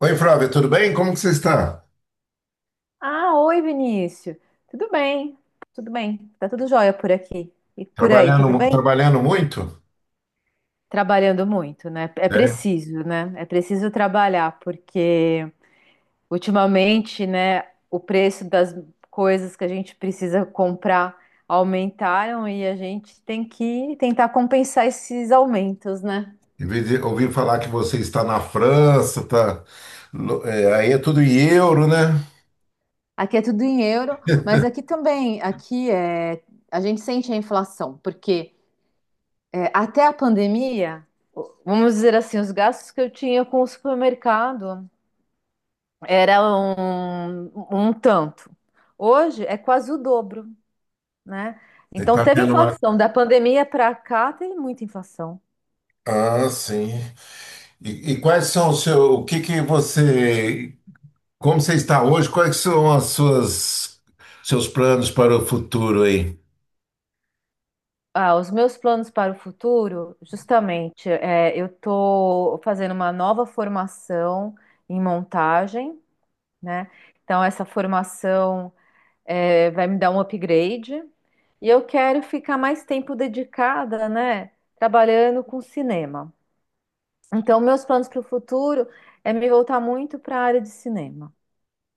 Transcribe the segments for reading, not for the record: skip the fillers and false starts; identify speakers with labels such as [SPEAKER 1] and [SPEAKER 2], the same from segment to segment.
[SPEAKER 1] Oi, Flávia, tudo bem? Como que você está?
[SPEAKER 2] Ah, oi, Vinícius. Tudo bem? Tudo bem. Tá tudo jóia por aqui. E por aí, tudo bem?
[SPEAKER 1] Trabalhando muito?
[SPEAKER 2] Trabalhando muito, né? É
[SPEAKER 1] É.
[SPEAKER 2] preciso, né? É preciso trabalhar, porque ultimamente, né, o preço das coisas que a gente precisa comprar aumentaram e a gente tem que tentar compensar esses aumentos, né?
[SPEAKER 1] Em vez de ouvir falar que você está na França, tá, aí é tudo em euro, né?
[SPEAKER 2] Aqui é tudo em euro, mas aqui também, aqui é, a gente sente a inflação, porque até a pandemia. Vamos dizer assim, os gastos que eu tinha com o supermercado era um, um tanto. Hoje é quase o dobro, né? Então
[SPEAKER 1] Está tá
[SPEAKER 2] teve
[SPEAKER 1] tendo uma...
[SPEAKER 2] inflação. Da pandemia para cá, teve muita inflação.
[SPEAKER 1] Ah, sim. E quais são os seus... O que que você... Como você está hoje? Quais são as suas seus planos para o futuro aí?
[SPEAKER 2] Ah, os meus planos para o futuro, justamente, eu estou fazendo uma nova formação em montagem, né? Então, essa formação. Vai me dar um upgrade. E eu quero ficar mais tempo dedicada, né, trabalhando com cinema. Então, meus planos para o futuro é me voltar muito para a área de cinema.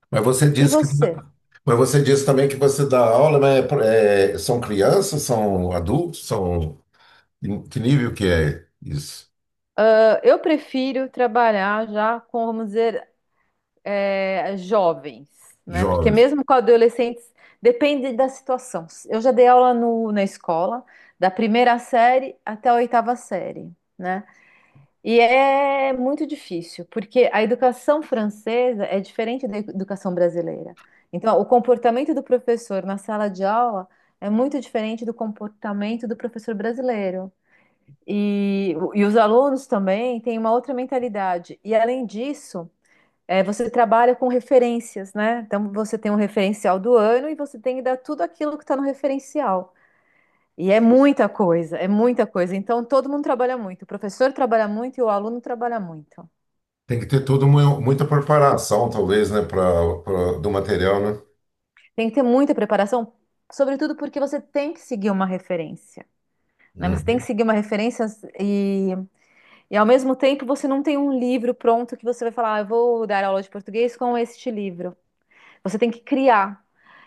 [SPEAKER 1] Mas você
[SPEAKER 2] E
[SPEAKER 1] disse que,
[SPEAKER 2] você?
[SPEAKER 1] mas você disse também que você dá aula, mas são crianças, são adultos, são que nível que é isso?
[SPEAKER 2] Ah, eu prefiro trabalhar já com, vamos dizer, jovens, né? Porque
[SPEAKER 1] Jovens.
[SPEAKER 2] mesmo com adolescentes, depende da situação. Eu já dei aula na escola, da primeira série até a oitava série, né? E é muito difícil, porque a educação francesa é diferente da educação brasileira. Então, o comportamento do professor na sala de aula é muito diferente do comportamento do professor brasileiro. E os alunos também têm uma outra mentalidade. E, além disso, você trabalha com referências, né? Então, você tem um referencial do ano e você tem que dar tudo aquilo que está no referencial. E é muita coisa, é muita coisa. Então, todo mundo trabalha muito. O professor trabalha muito e o aluno trabalha muito.
[SPEAKER 1] Tem que ter muita preparação, talvez, né, para do material, né?
[SPEAKER 2] Tem que ter muita preparação, sobretudo porque você tem que seguir uma referência, né? Você tem que
[SPEAKER 1] Uhum.
[SPEAKER 2] seguir uma referência e, e ao mesmo tempo você não tem um livro pronto que você vai falar, ah, eu vou dar aula de português com este livro. Você tem que criar.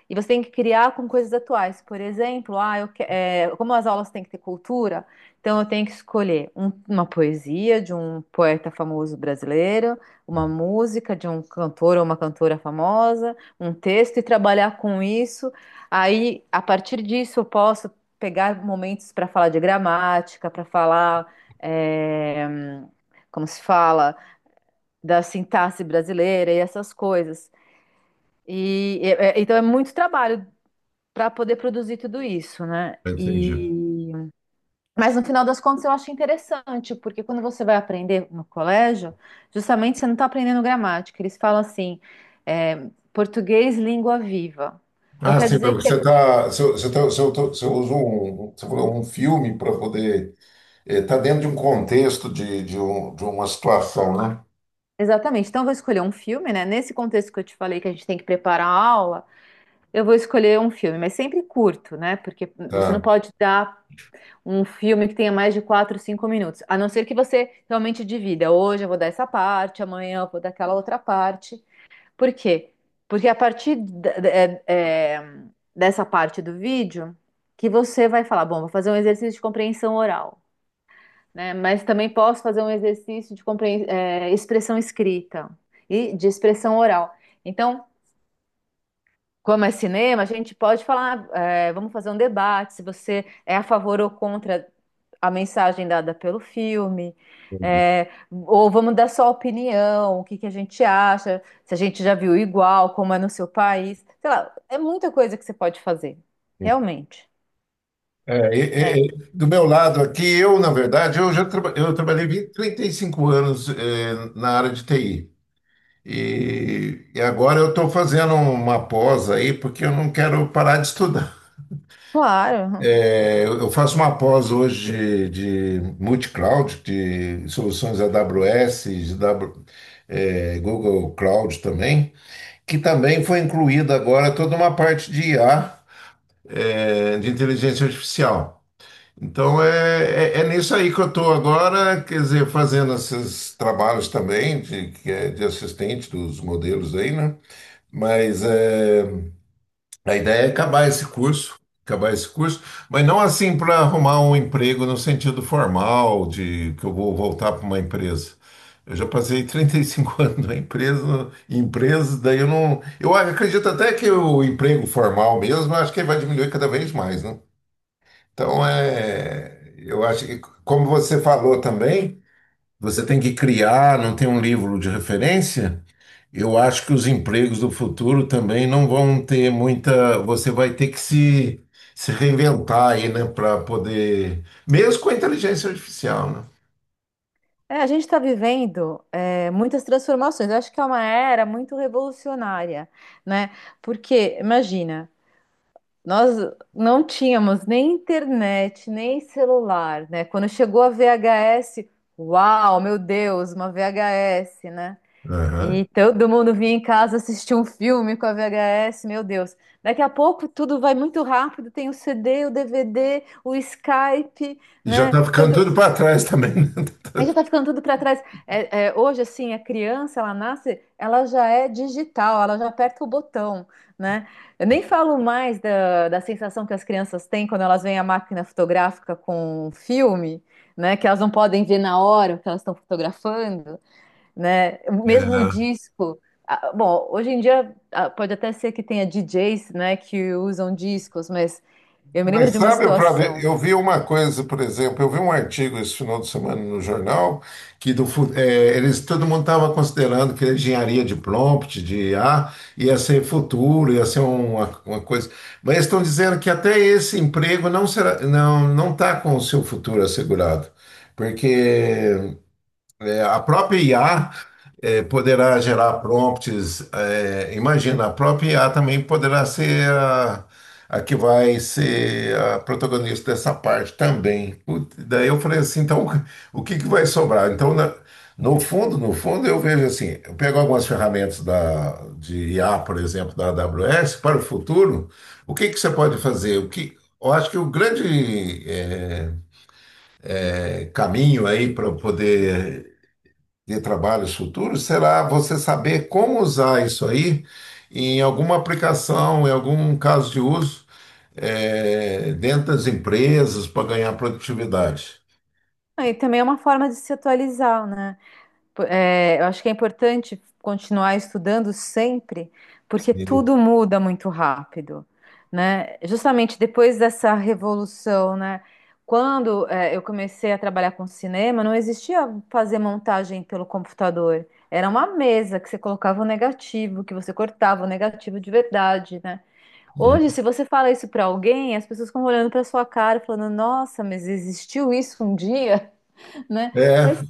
[SPEAKER 2] E você tem que criar com coisas atuais. Por exemplo, ah, como as aulas têm que ter cultura, então eu tenho que escolher uma poesia de um poeta famoso brasileiro, uma música de um cantor ou uma cantora famosa, um texto e trabalhar com isso. Aí, a partir disso, eu posso pegar momentos para falar de gramática, para falar, é, como se fala, da sintaxe brasileira e essas coisas. Então é muito trabalho para poder produzir tudo isso, né?
[SPEAKER 1] Entendi.
[SPEAKER 2] E mas no final das contas eu acho interessante, porque quando você vai aprender no colégio, justamente você não está aprendendo gramática. Eles falam assim, é, português, língua viva. Então
[SPEAKER 1] Ah,
[SPEAKER 2] quer
[SPEAKER 1] sim,
[SPEAKER 2] dizer que
[SPEAKER 1] você tá, se eu, se eu, tô- se eu, tô- se eu uso um, você falou um filme para poder, tá dentro de um contexto de uma situação, né?
[SPEAKER 2] exatamente. Então eu vou escolher um filme, né? Nesse contexto que eu te falei que a gente tem que preparar a aula, eu vou escolher um filme, mas sempre curto, né? Porque você não
[SPEAKER 1] Tá.
[SPEAKER 2] pode dar um filme que tenha mais de 4, 5 minutos. A não ser que você realmente divida. Hoje eu vou dar essa parte, amanhã eu vou dar aquela outra parte. Por quê? Porque a partir dessa parte do vídeo que você vai falar, bom, vou fazer um exercício de compreensão oral, né? Mas também posso fazer um exercício de expressão escrita e de expressão oral. Então, como é cinema, a gente pode falar, é, vamos fazer um debate se você é a favor ou contra a mensagem dada pelo filme,
[SPEAKER 1] Entendi.
[SPEAKER 2] é, ou vamos dar só opinião, o que que a gente acha, se a gente já viu igual, como é no seu país, sei lá, é muita coisa que você pode fazer, realmente,
[SPEAKER 1] É,
[SPEAKER 2] né?
[SPEAKER 1] do meu lado aqui, eu, na verdade, eu trabalhei 20, 35 anos, na área de TI. E agora eu estou fazendo uma pós aí, porque eu não quero parar de estudar.
[SPEAKER 2] Claro. Uhum.
[SPEAKER 1] É, eu faço uma pós hoje de multi-cloud, de soluções AWS, Google Cloud também, que também foi incluída agora toda uma parte de IA, é, de inteligência artificial. Então é nisso aí que eu estou agora, quer dizer, fazendo esses trabalhos também que é de assistente dos modelos aí, né? Mas é, A ideia é acabar esse curso, mas não assim para arrumar um emprego no sentido formal, de que eu vou voltar para uma empresa. Eu já passei 35 anos na empresa, em empresa, daí eu não. Eu acredito até que o emprego formal mesmo, eu acho que ele vai diminuir cada vez mais, né? Então é. Eu acho que, como você falou também. Você tem que criar, não tem um livro de referência. Eu acho que os empregos do futuro também não vão ter muita. Você vai ter que se reinventar aí, né, para poder. Mesmo com a inteligência artificial, né?
[SPEAKER 2] É, a gente está vivendo muitas transformações. Eu acho que é uma era muito revolucionária, né? Porque, imagina. Nós não tínhamos nem internet, nem celular, né? Quando chegou a VHS, uau, meu Deus, uma VHS, né? E
[SPEAKER 1] Aham.
[SPEAKER 2] todo mundo vinha em casa assistir um filme com a VHS, meu Deus. Daqui a pouco tudo vai muito rápido, tem o CD, o DVD, o Skype,
[SPEAKER 1] E já
[SPEAKER 2] né?
[SPEAKER 1] está ficando tudo para trás também, né?
[SPEAKER 2] Aí já tá ficando tudo para trás. É, é, hoje, assim, a criança, ela nasce, ela já é digital, ela já aperta o botão, né? Eu nem falo mais da sensação que as crianças têm quando elas veem a máquina fotográfica com um filme, né? Que elas não podem ver na hora o que elas estão fotografando, né? Mesmo o
[SPEAKER 1] É.
[SPEAKER 2] disco. Ah, bom, hoje em dia ah, pode até ser que tenha DJs, né, que usam discos, mas eu me lembro
[SPEAKER 1] Mas
[SPEAKER 2] de uma
[SPEAKER 1] sabe, Flávio,
[SPEAKER 2] situação.
[SPEAKER 1] eu vi uma coisa, por exemplo, eu vi um artigo esse final de semana no jornal que do, fu- eh, eles todo mundo estava considerando que a engenharia de prompt, de I a ia ser futuro, ia ser uma coisa. Mas estão dizendo que até esse emprego não, não está com o seu futuro assegurado, porque a própria IA poderá gerar prompts. Imagina, a própria IA também poderá ser a que vai ser a protagonista dessa parte também. Daí eu falei assim, então o que que vai sobrar? Então, no fundo, no fundo, eu vejo assim, eu pego algumas ferramentas de IA, por exemplo, da AWS, para o futuro, o que que você pode fazer? Eu acho que o grande caminho aí para poder de trabalhos futuros será você saber como usar isso aí em alguma aplicação, em algum caso de uso, dentro das empresas para ganhar produtividade.
[SPEAKER 2] Aí também é uma forma de se atualizar, né? É, eu acho que é importante continuar estudando sempre, porque
[SPEAKER 1] Sim.
[SPEAKER 2] tudo muda muito rápido, né? Justamente depois dessa revolução, né? Quando, eu comecei a trabalhar com cinema, não existia fazer montagem pelo computador. Era uma mesa que você colocava o negativo, que você cortava o negativo de verdade, né? Hoje, se você fala isso para alguém, as pessoas ficam olhando para sua cara, falando: Nossa, mas existiu isso um dia, né?
[SPEAKER 1] É,
[SPEAKER 2] Mas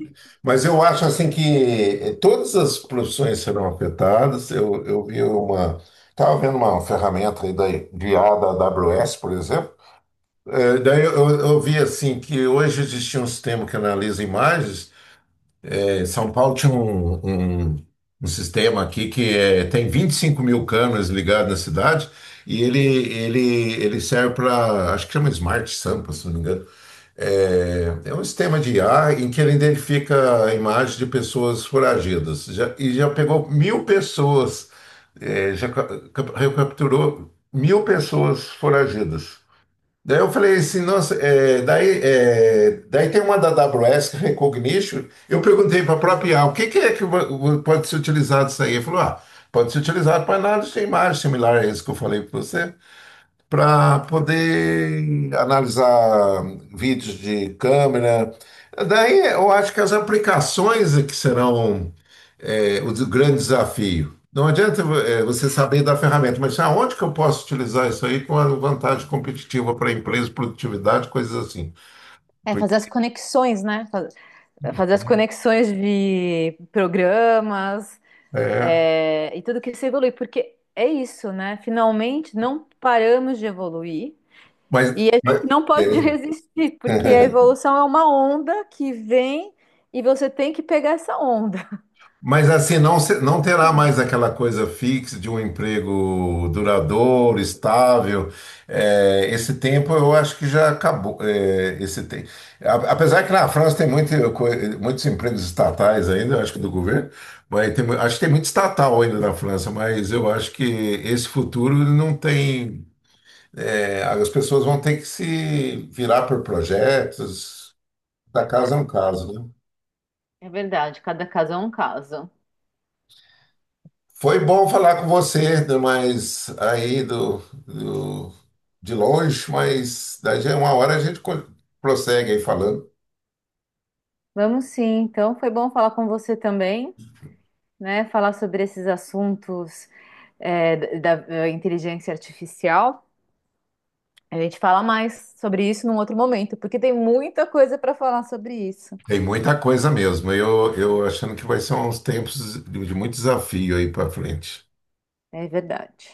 [SPEAKER 1] mas eu acho assim que todas as profissões serão afetadas. Eu vi uma, estava vendo uma ferramenta aí de IA da AWS, por exemplo. É, daí eu vi assim que hoje existia um sistema que analisa imagens. São Paulo tinha um- um sistema aqui que tem 25 mil câmeras ligadas na cidade e ele serve para, acho que chama Smart Sampa, se não me engano. É, é um sistema de IA em que ele identifica a imagem de pessoas foragidas. E já pegou 1.000 pessoas, já recapturou 1.000 pessoas foragidas. Daí eu falei assim, nossa, daí tem uma da AWS, que é Recognition. Eu perguntei para a própria IA, o que, que é que pode ser utilizado isso aí? Ele falou, ah, pode ser utilizado para análise de imagem, similar a esse que eu falei para você para poder analisar vídeos de câmera. Daí eu acho que as aplicações é que serão o grande desafio. Não adianta você saber da ferramenta, mas aonde que eu posso utilizar isso aí com a vantagem competitiva para a empresa, produtividade, coisas assim.
[SPEAKER 2] é
[SPEAKER 1] Por-
[SPEAKER 2] fazer as conexões, né? Fazer as conexões de programas,
[SPEAKER 1] É,
[SPEAKER 2] e tudo que se evolui, porque é isso, né? Finalmente não paramos de evoluir
[SPEAKER 1] mas,
[SPEAKER 2] e a gente
[SPEAKER 1] mas-
[SPEAKER 2] não pode
[SPEAKER 1] é.
[SPEAKER 2] resistir, porque a evolução é uma onda que vem e você tem que pegar essa onda.
[SPEAKER 1] Mas assim, não, não terá mais aquela coisa fixa de um emprego duradouro, estável. É, esse tempo eu acho que já acabou. Apesar que na França tem muito, muitos empregos estatais ainda, eu acho que do governo, mas tem acho que tem muito estatal ainda na França, mas eu acho que esse futuro não tem. As pessoas vão ter que se virar por projetos, da casa é um caso, né?
[SPEAKER 2] É verdade, cada caso é um caso.
[SPEAKER 1] Foi bom falar com você, mas aí do- de longe, mas daí já é uma hora a gente prossegue aí falando.
[SPEAKER 2] Vamos sim, então foi bom falar com você também, né? Falar sobre esses assuntos da inteligência artificial. A gente fala mais sobre isso num outro momento, porque tem muita coisa para falar sobre isso.
[SPEAKER 1] Tem muita coisa mesmo. Eu achando que vai ser uns tempos de muito desafio aí para frente.
[SPEAKER 2] É verdade.